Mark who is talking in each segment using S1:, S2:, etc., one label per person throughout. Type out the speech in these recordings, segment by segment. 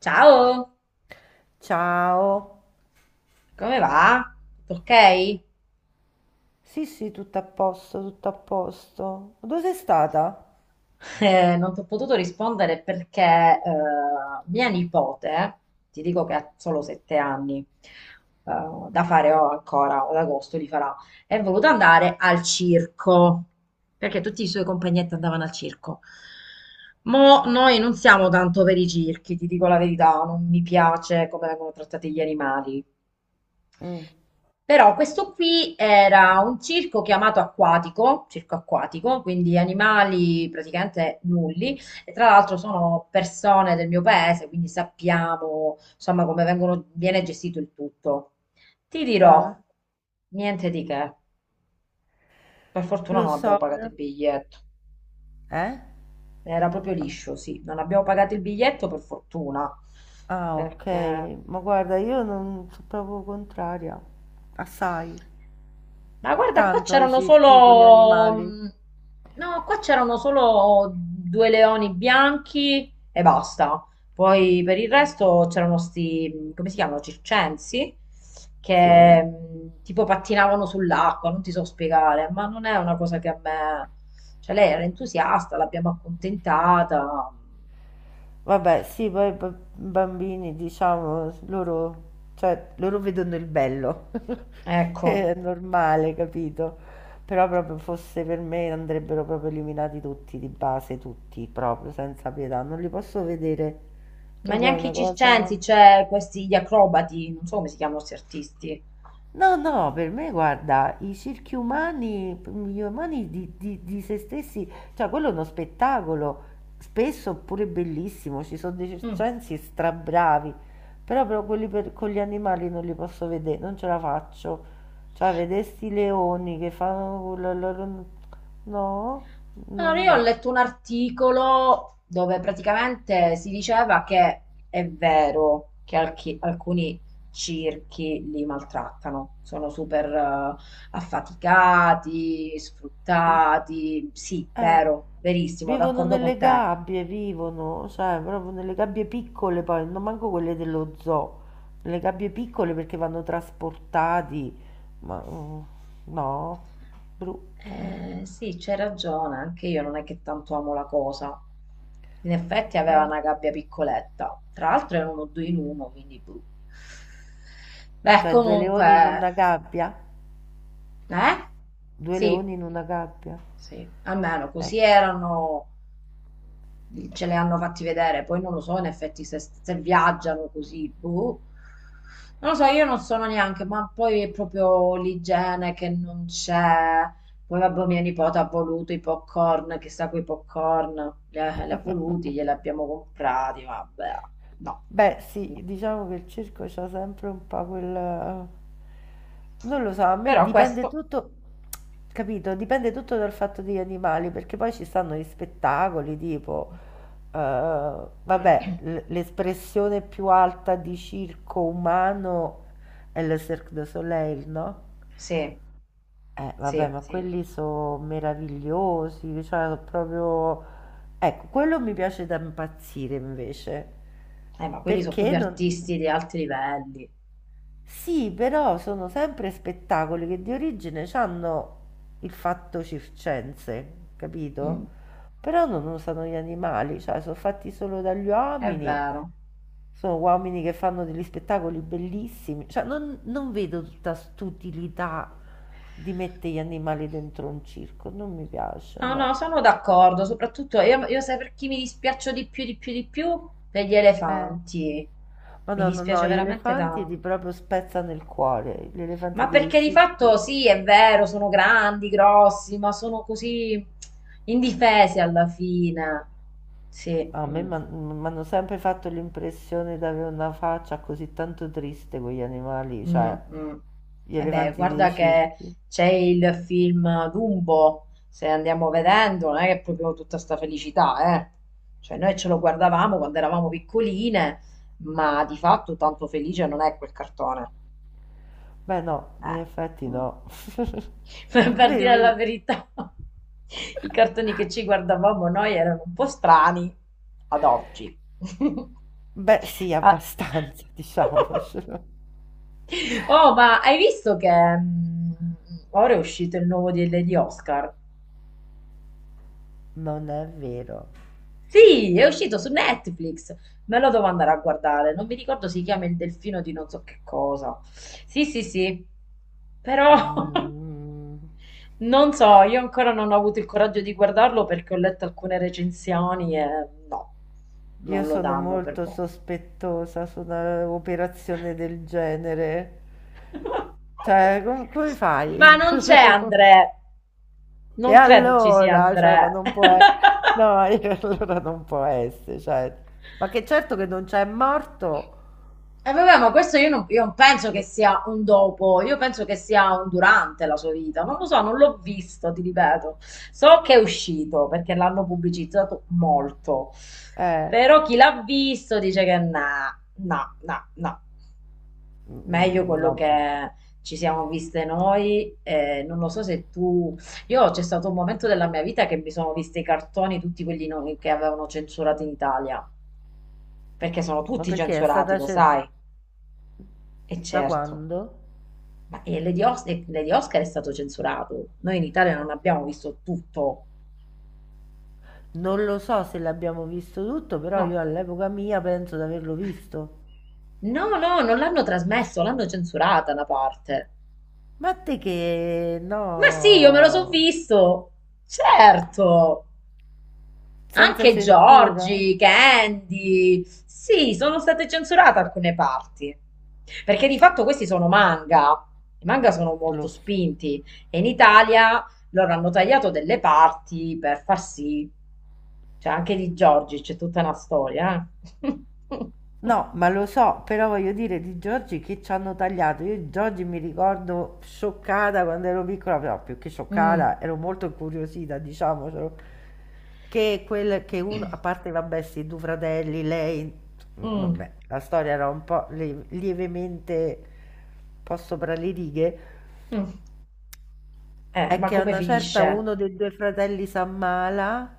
S1: Ciao,
S2: Ciao.
S1: come va? Tutto ok?
S2: Sì, sì, tutto a posto, tutto a posto. Dove sei stata?
S1: Non ti ho potuto rispondere perché mia nipote, ti dico che ha solo 7 anni, eh, da fare ho ancora, ad agosto li farà, è voluta andare al circo, perché tutti i suoi compagnetti andavano al circo. Mo' noi non siamo tanto per i circhi, ti dico la verità, non mi piace come vengono trattati gli animali.
S2: Mm.
S1: Però questo qui era un circo chiamato acquatico, circo acquatico, quindi animali praticamente nulli, e tra l'altro sono persone del mio paese, quindi sappiamo insomma come viene gestito il tutto. Ti dirò,
S2: Ah,
S1: niente di che, per fortuna
S2: lo
S1: non abbiamo
S2: so,
S1: pagato
S2: però.
S1: il biglietto,
S2: Eh?
S1: era proprio liscio, sì, non abbiamo pagato il biglietto per fortuna,
S2: Ah, ok.
S1: perché
S2: Ma guarda, io non sono proprio contraria. Assai.
S1: Ma guarda, qua
S2: Tanto ai
S1: c'erano
S2: circhi con gli
S1: solo...
S2: animali.
S1: No, qua c'erano solo due leoni bianchi e basta. Poi per il resto c'erano sti, come si chiamano, circensi, che
S2: Sì.
S1: tipo pattinavano sull'acqua, non ti so spiegare, ma non è una cosa che a me... Cioè lei era entusiasta, l'abbiamo accontentata.
S2: Vabbè, sì, poi i bambini, diciamo, loro, cioè, loro vedono il bello,
S1: Ecco,
S2: è normale, capito? Però proprio fosse per me andrebbero proprio eliminati tutti, di base, tutti, proprio, senza pietà, non li posso vedere,
S1: ma
S2: proprio è
S1: neanche i
S2: una cosa.
S1: circensi, c'è questi gli acrobati, non so come si chiamano questi artisti.
S2: No, no, per me guarda, i circhi umani, gli umani di se stessi, cioè quello è uno spettacolo, spesso pure bellissimo, ci sono dei
S1: Mm.
S2: circensi strabravi, però quelli con gli animali non li posso vedere, non ce la faccio. Cioè, vedere sti leoni che fanno quello, no, no,
S1: Allora, io ho
S2: no.
S1: letto un articolo dove praticamente si diceva che è vero che alcuni circhi li maltrattano, sono super affaticati,
S2: Mm.
S1: sfruttati. Sì,
S2: Eh,
S1: vero, verissimo,
S2: vivono
S1: d'accordo con
S2: nelle
S1: te.
S2: gabbie, vivono, sai, proprio nelle gabbie piccole poi, non manco quelle dello zoo, nelle gabbie piccole perché vanno trasportati, ma no, brutto,
S1: Sì, c'hai ragione, anche io non è che tanto amo la cosa. In effetti aveva
S2: eh.
S1: una gabbia piccoletta, tra l'altro era uno due in uno, quindi... boh. Beh,
S2: Cioè due leoni in
S1: comunque,
S2: una gabbia?
S1: eh?
S2: Due
S1: Sì,
S2: leoni in una gabbia?
S1: sì, almeno così
S2: Ecco.
S1: erano, ce le hanno fatti vedere, poi non lo so in effetti se viaggiano così, boh. Non lo so, io non sono neanche, ma poi è proprio l'igiene che non c'è. Poi vabbè, mia nipote ha voluto i popcorn, chissà quei popcorn, li ha voluti, glieli abbiamo comprati, vabbè, no.
S2: Beh
S1: No.
S2: sì, diciamo che il circo c'ha sempre un po' quel. Non lo so, a me
S1: Però
S2: dipende
S1: questo...
S2: tutto, capito? Dipende tutto dal fatto degli animali, perché poi ci stanno gli spettacoli tipo, eh, vabbè, l'espressione più alta di circo umano è il Cirque du Soleil, no?
S1: Sì,
S2: Vabbè,
S1: sì,
S2: ma
S1: sì.
S2: quelli sono meravigliosi, cioè sono proprio. Ecco, quello mi piace da impazzire invece,
S1: Ma quelli sono
S2: perché
S1: proprio artisti
S2: non.
S1: di alti livelli.
S2: Sì, però sono sempre spettacoli che di origine hanno il fatto circense,
S1: Mm,
S2: capito? Però non usano gli animali, cioè sono fatti solo dagli
S1: è
S2: uomini,
S1: vero.
S2: sono uomini che fanno degli spettacoli bellissimi, cioè non vedo tutta st'utilità di mettere gli animali dentro un circo, non mi piace,
S1: No, no,
S2: no.
S1: sono d'accordo, soprattutto io sai per chi mi dispiaccio di più, di più, di più? Per gli
S2: Eh,
S1: elefanti.
S2: ma
S1: Mi
S2: no, no,
S1: dispiace
S2: no, gli
S1: veramente
S2: elefanti ti
S1: tanto.
S2: proprio spezzano il cuore, gli elefanti
S1: Ma
S2: dei
S1: perché di fatto
S2: circhi.
S1: sì, è vero, sono grandi, grossi, ma sono così indifesi alla fine. Sì.
S2: A me
S1: Mm.
S2: m'hanno sempre fatto l'impressione d'avere una faccia così tanto triste quegli animali,
S1: Mm,
S2: cioè
S1: mm.
S2: gli
S1: E beh,
S2: elefanti dei
S1: guarda che
S2: circhi.
S1: c'è il film Dumbo, se andiamo vedendo, non è che è proprio tutta sta felicità, eh. Cioè noi ce lo guardavamo quando eravamo piccoline, ma di fatto tanto felice non è quel cartone.
S2: Beh no, in
S1: Eh.
S2: effetti
S1: Mm.
S2: no.
S1: Per per
S2: Vero,
S1: dire la
S2: vedi?
S1: verità, i cartoni che ci guardavamo noi erano un po' strani ad oggi.
S2: Beh sì,
S1: Ah.
S2: abbastanza, diciamocelo.
S1: Oh, ma hai visto che mm, ora è uscito il nuovo di Oscar?
S2: Non è vero.
S1: Sì, è uscito su Netflix. Me lo devo andare a guardare. Non mi ricordo, si chiama Il Delfino di non so che cosa. Sì, sì, sì. Però
S2: Mm,
S1: non so, io ancora non ho avuto il coraggio di guardarlo perché ho letto alcune recensioni e no,
S2: io
S1: non lo
S2: sono
S1: danno per
S2: molto
S1: boh.
S2: sospettosa su un'operazione del genere. Cioè, come
S1: Ma
S2: fai?
S1: non c'è Andrea.
S2: E
S1: Non credo ci sia
S2: allora, cioè,
S1: Andrea.
S2: ma non può e no, e allora non può esse cioè, ma che certo che non c'è morto,
S1: E vabbè, ma questo io non penso che sia un dopo, io penso che sia un durante la sua vita. Non lo so, non l'ho visto, ti ripeto. So che è uscito perché l'hanno pubblicizzato molto.
S2: eh,
S1: Però chi l'ha visto dice che no, no, no, no. Meglio
S2: mhmm,
S1: quello
S2: no, mhmm,
S1: che ci siamo viste noi. Non lo so se tu... Io c'è stato un momento della mia vita che mi sono viste i cartoni, tutti quelli che avevano censurato in Italia, perché sono
S2: ma
S1: tutti
S2: perché è
S1: censurati,
S2: stata
S1: lo
S2: ce
S1: sai. E
S2: da
S1: certo.
S2: quando?
S1: Ma Lady Oscar è stato censurato. Noi in Italia non abbiamo visto tutto.
S2: Non lo so se l'abbiamo visto tutto, però
S1: No,
S2: io all'epoca mia penso di averlo visto.
S1: no, no, non l'hanno trasmesso, l'hanno censurata una parte.
S2: Ma te che
S1: Ma sì, io me lo so
S2: no,
S1: visto. Certo.
S2: senza
S1: Anche
S2: censura?
S1: Giorgi, Candy. Sì, sono state censurate alcune parti. Perché di fatto questi sono manga. I manga sono
S2: Lo
S1: molto
S2: so.
S1: spinti e in Italia loro hanno tagliato delle parti per far sì. Cioè, anche di Giorgi c'è tutta una storia. Eh.
S2: No, ma lo so, però voglio dire di Giorgi che ci hanno tagliato. Io Giorgi mi ricordo scioccata quando ero piccola, però più che
S1: Mm.
S2: scioccata, ero molto incuriosita, diciamocelo, che quel che uno, a parte vabbè, sti due fratelli, lei, insomma,
S1: Mm.
S2: vabbè, la storia era un po' lievemente un po' sopra le righe,
S1: Mm.
S2: è
S1: Ma
S2: che a
S1: come
S2: una certa
S1: finisce?
S2: uno dei due fratelli si ammala.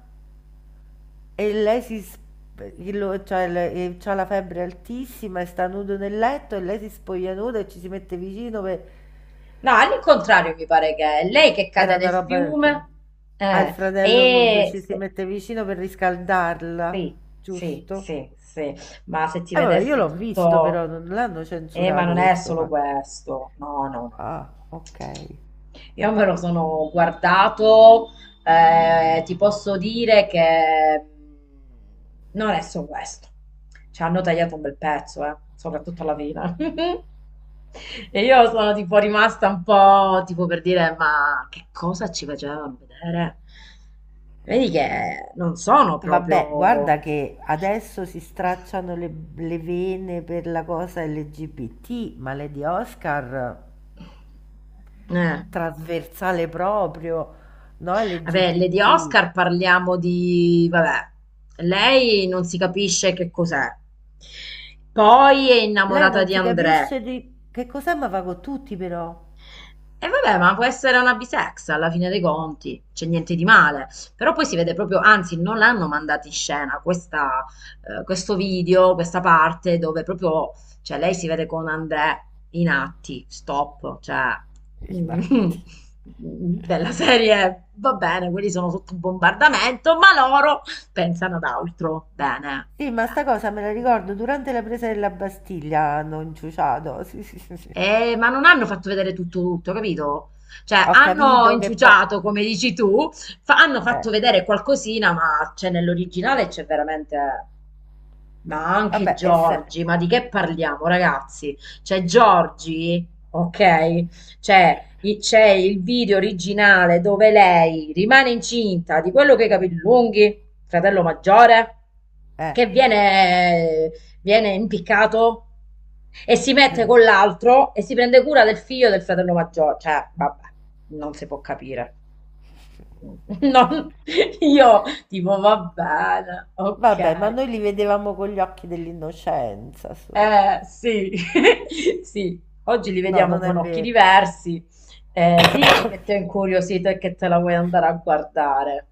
S2: E lei si sp lo cioè le c'ha la febbre altissima e sta nudo nel letto e lei si spoglia nuda e ci si mette vicino pe
S1: No, all'incontrario mi pare che è lei che cade
S2: era una
S1: nel
S2: roba del genere.
S1: fiume.
S2: Ha il fratello nudo,
S1: E
S2: ci si mette vicino per riscaldarla,
S1: sì, sì,
S2: giusto?
S1: sì, sì, ma se ti
S2: E vabbè, io
S1: vedessi
S2: l'ho visto
S1: tutto...
S2: però, non l'hanno
S1: Ma
S2: censurato
S1: non è
S2: questo
S1: solo
S2: fatto.
S1: questo. No, no, no, no, no.
S2: Ah,
S1: No.
S2: ok.
S1: Io me lo sono guardato, ti posso dire che non è solo questo. Ci hanno tagliato un bel pezzo, soprattutto alla fine. E io sono tipo rimasta un po' tipo per dire, ma che cosa ci facevano vedere? Vedi che non sono
S2: Vabbè,
S1: proprio...
S2: guarda che adesso si stracciano le vene per la cosa LGBT, ma Lady Oscar
S1: Eh.
S2: Trasversale proprio, no,
S1: Vabbè, Lady
S2: LGBT.
S1: Oscar parliamo di... Vabbè, lei non si capisce che cos'è. Poi è
S2: Lei
S1: innamorata
S2: non
S1: di
S2: si
S1: André.
S2: capisce di che cos'è, ma va con tutti però.
S1: E vabbè, ma può essere una bisex alla fine dei conti, c'è niente di male. Però poi si vede proprio, anzi, non l'hanno mandata in scena questa, questo video, questa parte dove proprio, cioè lei si vede con André in atti, stop, cioè
S2: I
S1: mm,
S2: dati.
S1: della serie va bene, quelli sono sotto bombardamento, ma loro pensano ad altro. Bene,
S2: Sì, ma sta
S1: bene.
S2: cosa me la ricordo durante la presa della Bastiglia hanno inciuciato. Sì, sì, sì, sì.
S1: Ma non hanno fatto vedere tutto, tutto, capito? Cioè,
S2: Ho
S1: hanno
S2: capito che poi.
S1: inciuciato, come dici tu, hanno fatto
S2: Eh,
S1: vedere qualcosina, ma c'è nell'originale c'è veramente... Ma anche
S2: vabbè, e se.
S1: Giorgi, ma di che parliamo, ragazzi? Cioè, Giorgi, ok? Cioè, c'è il video originale dove lei rimane incinta di quello che i capelli lunghi, fratello maggiore,
S2: Eh.
S1: che viene impiccato e si mette con l'altro e si prende cura del figlio del fratello maggiore. Cioè, vabbè, non si può capire. Non- io, tipo, va bene,
S2: Vabbè, ma
S1: ok.
S2: noi li vedevamo con gli occhi dell'innocenza, su.
S1: Sì, sì, oggi li
S2: No,
S1: vediamo
S2: non è
S1: con occhi
S2: vero.
S1: diversi. Dici che ti è incuriosito e che te la vuoi andare a guardare.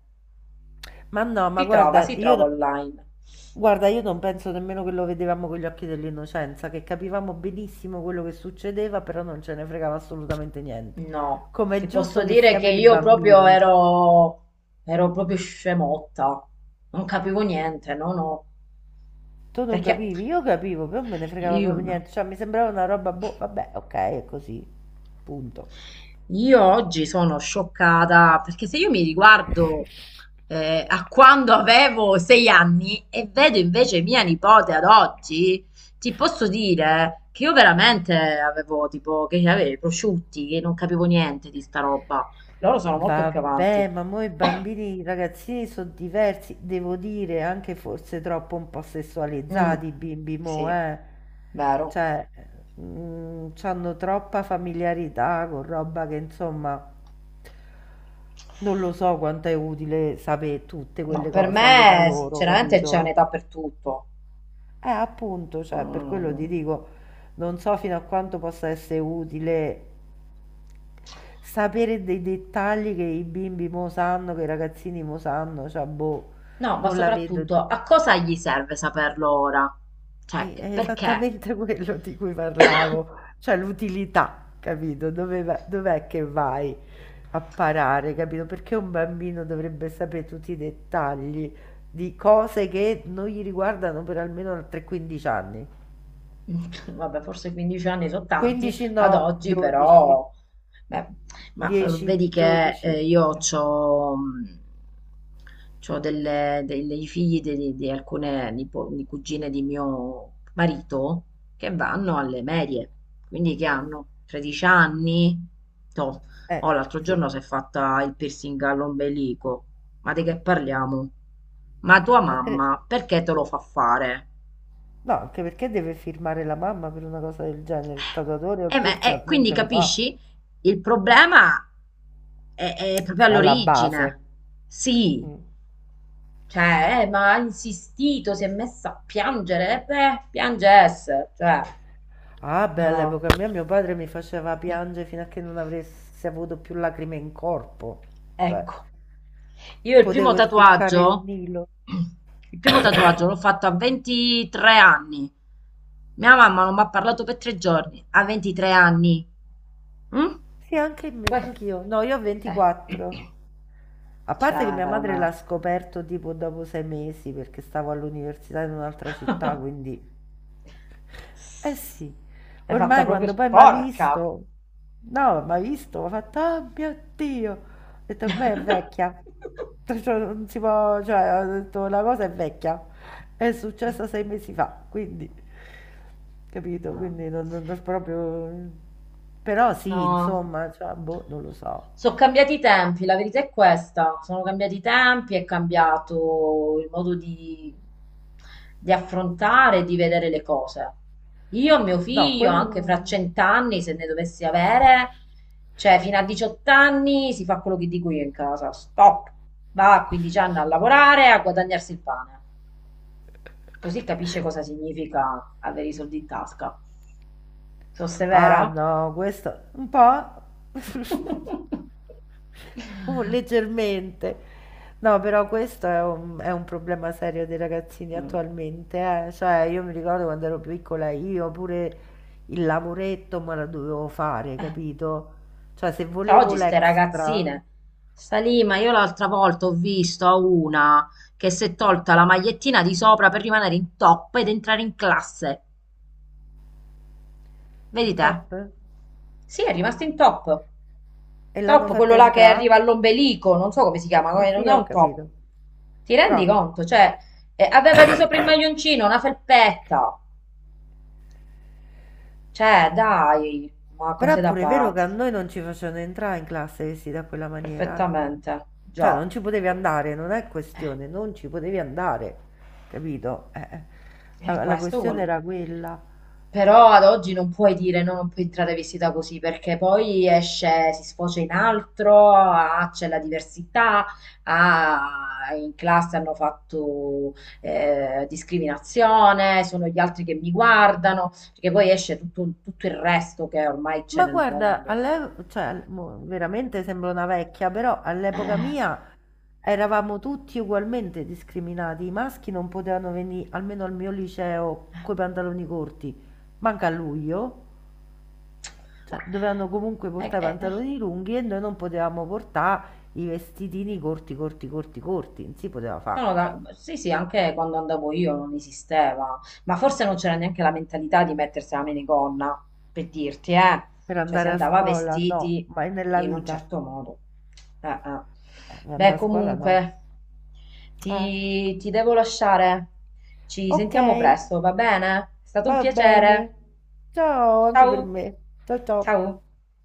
S2: Ma no, ma
S1: Si trova,
S2: guarda,
S1: si
S2: io,
S1: trova
S2: no-
S1: online.
S2: guarda, io non penso nemmeno che lo vedevamo con gli occhi dell'innocenza, che capivamo benissimo quello che succedeva, però non ce ne fregava assolutamente niente.
S1: No,
S2: Come è
S1: ti posso
S2: giusto che
S1: dire
S2: sia
S1: che
S2: per i
S1: io proprio
S2: bambini.
S1: ero proprio scemotta. Non capivo niente, no, no.
S2: Tu non
S1: Perché
S2: capivi, io capivo, però non me ne fregava
S1: io
S2: proprio
S1: no.
S2: niente, cioè mi sembrava una roba, boh, vabbè, ok, è così, punto.
S1: Io oggi sono scioccata perché se io mi riguardo a quando avevo 6 anni e vedo invece mia nipote ad oggi, ti posso dire che io veramente avevo tipo che avevo i prosciutti, che non capivo niente di sta roba. Loro sono molto più avanti.
S2: Vabbè, ma mo i bambini, i ragazzini sono diversi, devo dire, anche forse troppo un po'
S1: Mm,
S2: sessualizzati i bimbi mo,
S1: sì,
S2: eh.
S1: vero.
S2: Cioè, c'hanno troppa familiarità con roba che insomma, non lo so quanto è utile sapere tutte
S1: No,
S2: quelle
S1: per
S2: cose all'età
S1: me
S2: loro,
S1: sinceramente c'è
S2: capito?
S1: un'età per tutto.
S2: Appunto, cioè per quello ti
S1: Mm.
S2: dico, non so fino a quanto possa essere utile sapere dei dettagli che i bimbi mo sanno, che i ragazzini mo sanno, cioè boh,
S1: No, ma
S2: non la vedo.
S1: soprattutto a cosa gli serve saperlo ora? Cioè,
S2: È, è
S1: perché?
S2: esattamente quello di cui parlavo, cioè l'utilità, capito? Dove dov'è che vai a parare, capito? Perché un bambino dovrebbe sapere tutti i dettagli di cose che non gli riguardano per almeno 3-15 anni?
S1: Vabbè, forse 15 anni sono tanti
S2: 15
S1: ad
S2: no,
S1: oggi,
S2: 12,
S1: però, beh, ma
S2: 10,
S1: vedi che
S2: 12.
S1: io ho dei figli di alcune di cugine di mio marito che vanno alle medie, quindi che hanno 13 anni. Toh. Oh, l'altro
S2: Sì.
S1: giorno si è fatta il piercing all'ombelico, ma di che parliamo? Ma tua
S2: A tre-
S1: mamma perché te lo fa fare?
S2: No, anche perché deve firmare la mamma per una cosa del genere. Il tatuatore o il
S1: Ma,
S2: piercer non
S1: quindi
S2: te lo fa.
S1: capisci? Il problema è proprio
S2: Sta alla base.
S1: all'origine. Sì,
S2: Mm.
S1: cioè, ma ha insistito, si è messa a piangere, beh, piange esse, cioè,
S2: Ah, beh,
S1: no.
S2: all'epoca mia mio padre mi faceva piangere fino a che non avessi avuto più lacrime in corpo. Cioè,
S1: Ecco, io il primo
S2: potevo essiccare il
S1: tatuaggio,
S2: Nilo.
S1: il primo tatuaggio l'ho fatto a 23 anni. Mia mamma non mi ha parlato per 3 giorni, a 23 anni. Mm?
S2: Sì, anche me,
S1: Que-
S2: anch'io. No, io ho
S1: cioè.
S2: 24. A parte che
S1: Cioè,
S2: mia madre l'ha
S1: veramente.
S2: scoperto tipo dopo 6 mesi perché stavo all'università in un'altra città, quindi. Eh sì,
S1: È fatta
S2: ormai
S1: proprio
S2: quando poi mi ha
S1: sporca.
S2: visto. No, mi ha visto, mi ha fatto, oh mio Dio, ho detto ormai è vecchia, cioè, non si può, cioè, ho detto la cosa è vecchia, è successa 6 mesi fa, quindi, capito,
S1: Mamma.
S2: quindi non proprio. Però sì,
S1: No.
S2: insomma, cioè, boh, non lo so.
S1: Sono cambiati i tempi, la verità è questa. Sono cambiati i tempi, è cambiato il modo di affrontare, di vedere le cose. Io e mio
S2: No,
S1: figlio,
S2: quello.
S1: anche fra 100 anni, se ne dovessi avere, cioè fino a 18 anni si fa quello che dico io in casa. Stop! Va a 15 anni a lavorare, a guadagnarsi il pane. Così capisce cosa significa avere i soldi in tasca. Sono
S2: Ah
S1: severa?
S2: no, questo un po', leggermente. No, però questo è un problema serio dei ragazzini
S1: Mh.
S2: attualmente, eh. Cioè, io mi ricordo quando ero piccola, io pure il lavoretto me lo dovevo fare, capito? Cioè, se
S1: Cioè
S2: volevo
S1: oggi ste
S2: l'extra
S1: ragazzine, sta lì, ma io l'altra volta ho visto a una che si è tolta la magliettina di sopra per rimanere in top ed entrare in classe. Vedi
S2: in
S1: te?
S2: top
S1: Sì, è rimasta in top.
S2: e l'hanno
S1: Top,
S2: fatta
S1: quello là che
S2: entrare,
S1: arriva all'ombelico, non so come si chiama,
S2: sì,
S1: non
S2: sì,
S1: è
S2: ho
S1: un top.
S2: capito.
S1: Ti rendi
S2: Crop.
S1: conto? Cioè, aveva di sopra il maglioncino, una felpetta. Cioè, dai, ma
S2: Però è
S1: cose da
S2: pure vero che
S1: pazzi.
S2: a noi non ci facevano entrare in classe vestiti da quella maniera, eh.
S1: Perfettamente
S2: Cioè
S1: già.
S2: non ci potevi andare, non è
S1: eh
S2: questione, non ci potevi andare, capito? Eh.
S1: eh,
S2: La
S1: questo
S2: questione
S1: vuol
S2: era quella.
S1: però ad oggi non puoi dire no, non puoi entrare vestita così perché poi esce, si sfocia in altro, ah, c'è la diversità, ah, in classe hanno fatto discriminazione, sono gli altri che mi guardano, perché poi esce tutto, tutto il resto che ormai c'è
S2: Ma
S1: nel
S2: guarda,
S1: mondo.
S2: cioè, mo veramente sembro una vecchia, però all'epoca
S1: Eh,
S2: mia eravamo tutti ugualmente discriminati. I maschi non potevano venire, almeno al mio liceo, coi pantaloni corti, manca a luglio. Cioè, dovevano comunque
S1: eh, eh,
S2: portare i
S1: eh. eh.
S2: pantaloni lunghi e noi non potevamo portare i vestitini corti, corti, corti, corti, non si poteva fare.
S1: Sì, sì, anche quando andavo io non esisteva, ma forse non c'era neanche la mentalità di mettersi la minigonna, per dirti, eh.
S2: Per
S1: Cioè si
S2: andare a
S1: andava
S2: scuola? No,
S1: vestiti
S2: mai nella
S1: in un
S2: vita.
S1: certo modo. Eh, eh.
S2: Per
S1: Beh,
S2: andare a scuola? No.
S1: comunque,
S2: Eh,
S1: ti devo lasciare. Ci
S2: ok,
S1: sentiamo presto, va bene? È stato un
S2: va
S1: piacere.
S2: bene. Ciao anche per
S1: Ciao.
S2: me. Ciao
S1: Ciao.
S2: ciao.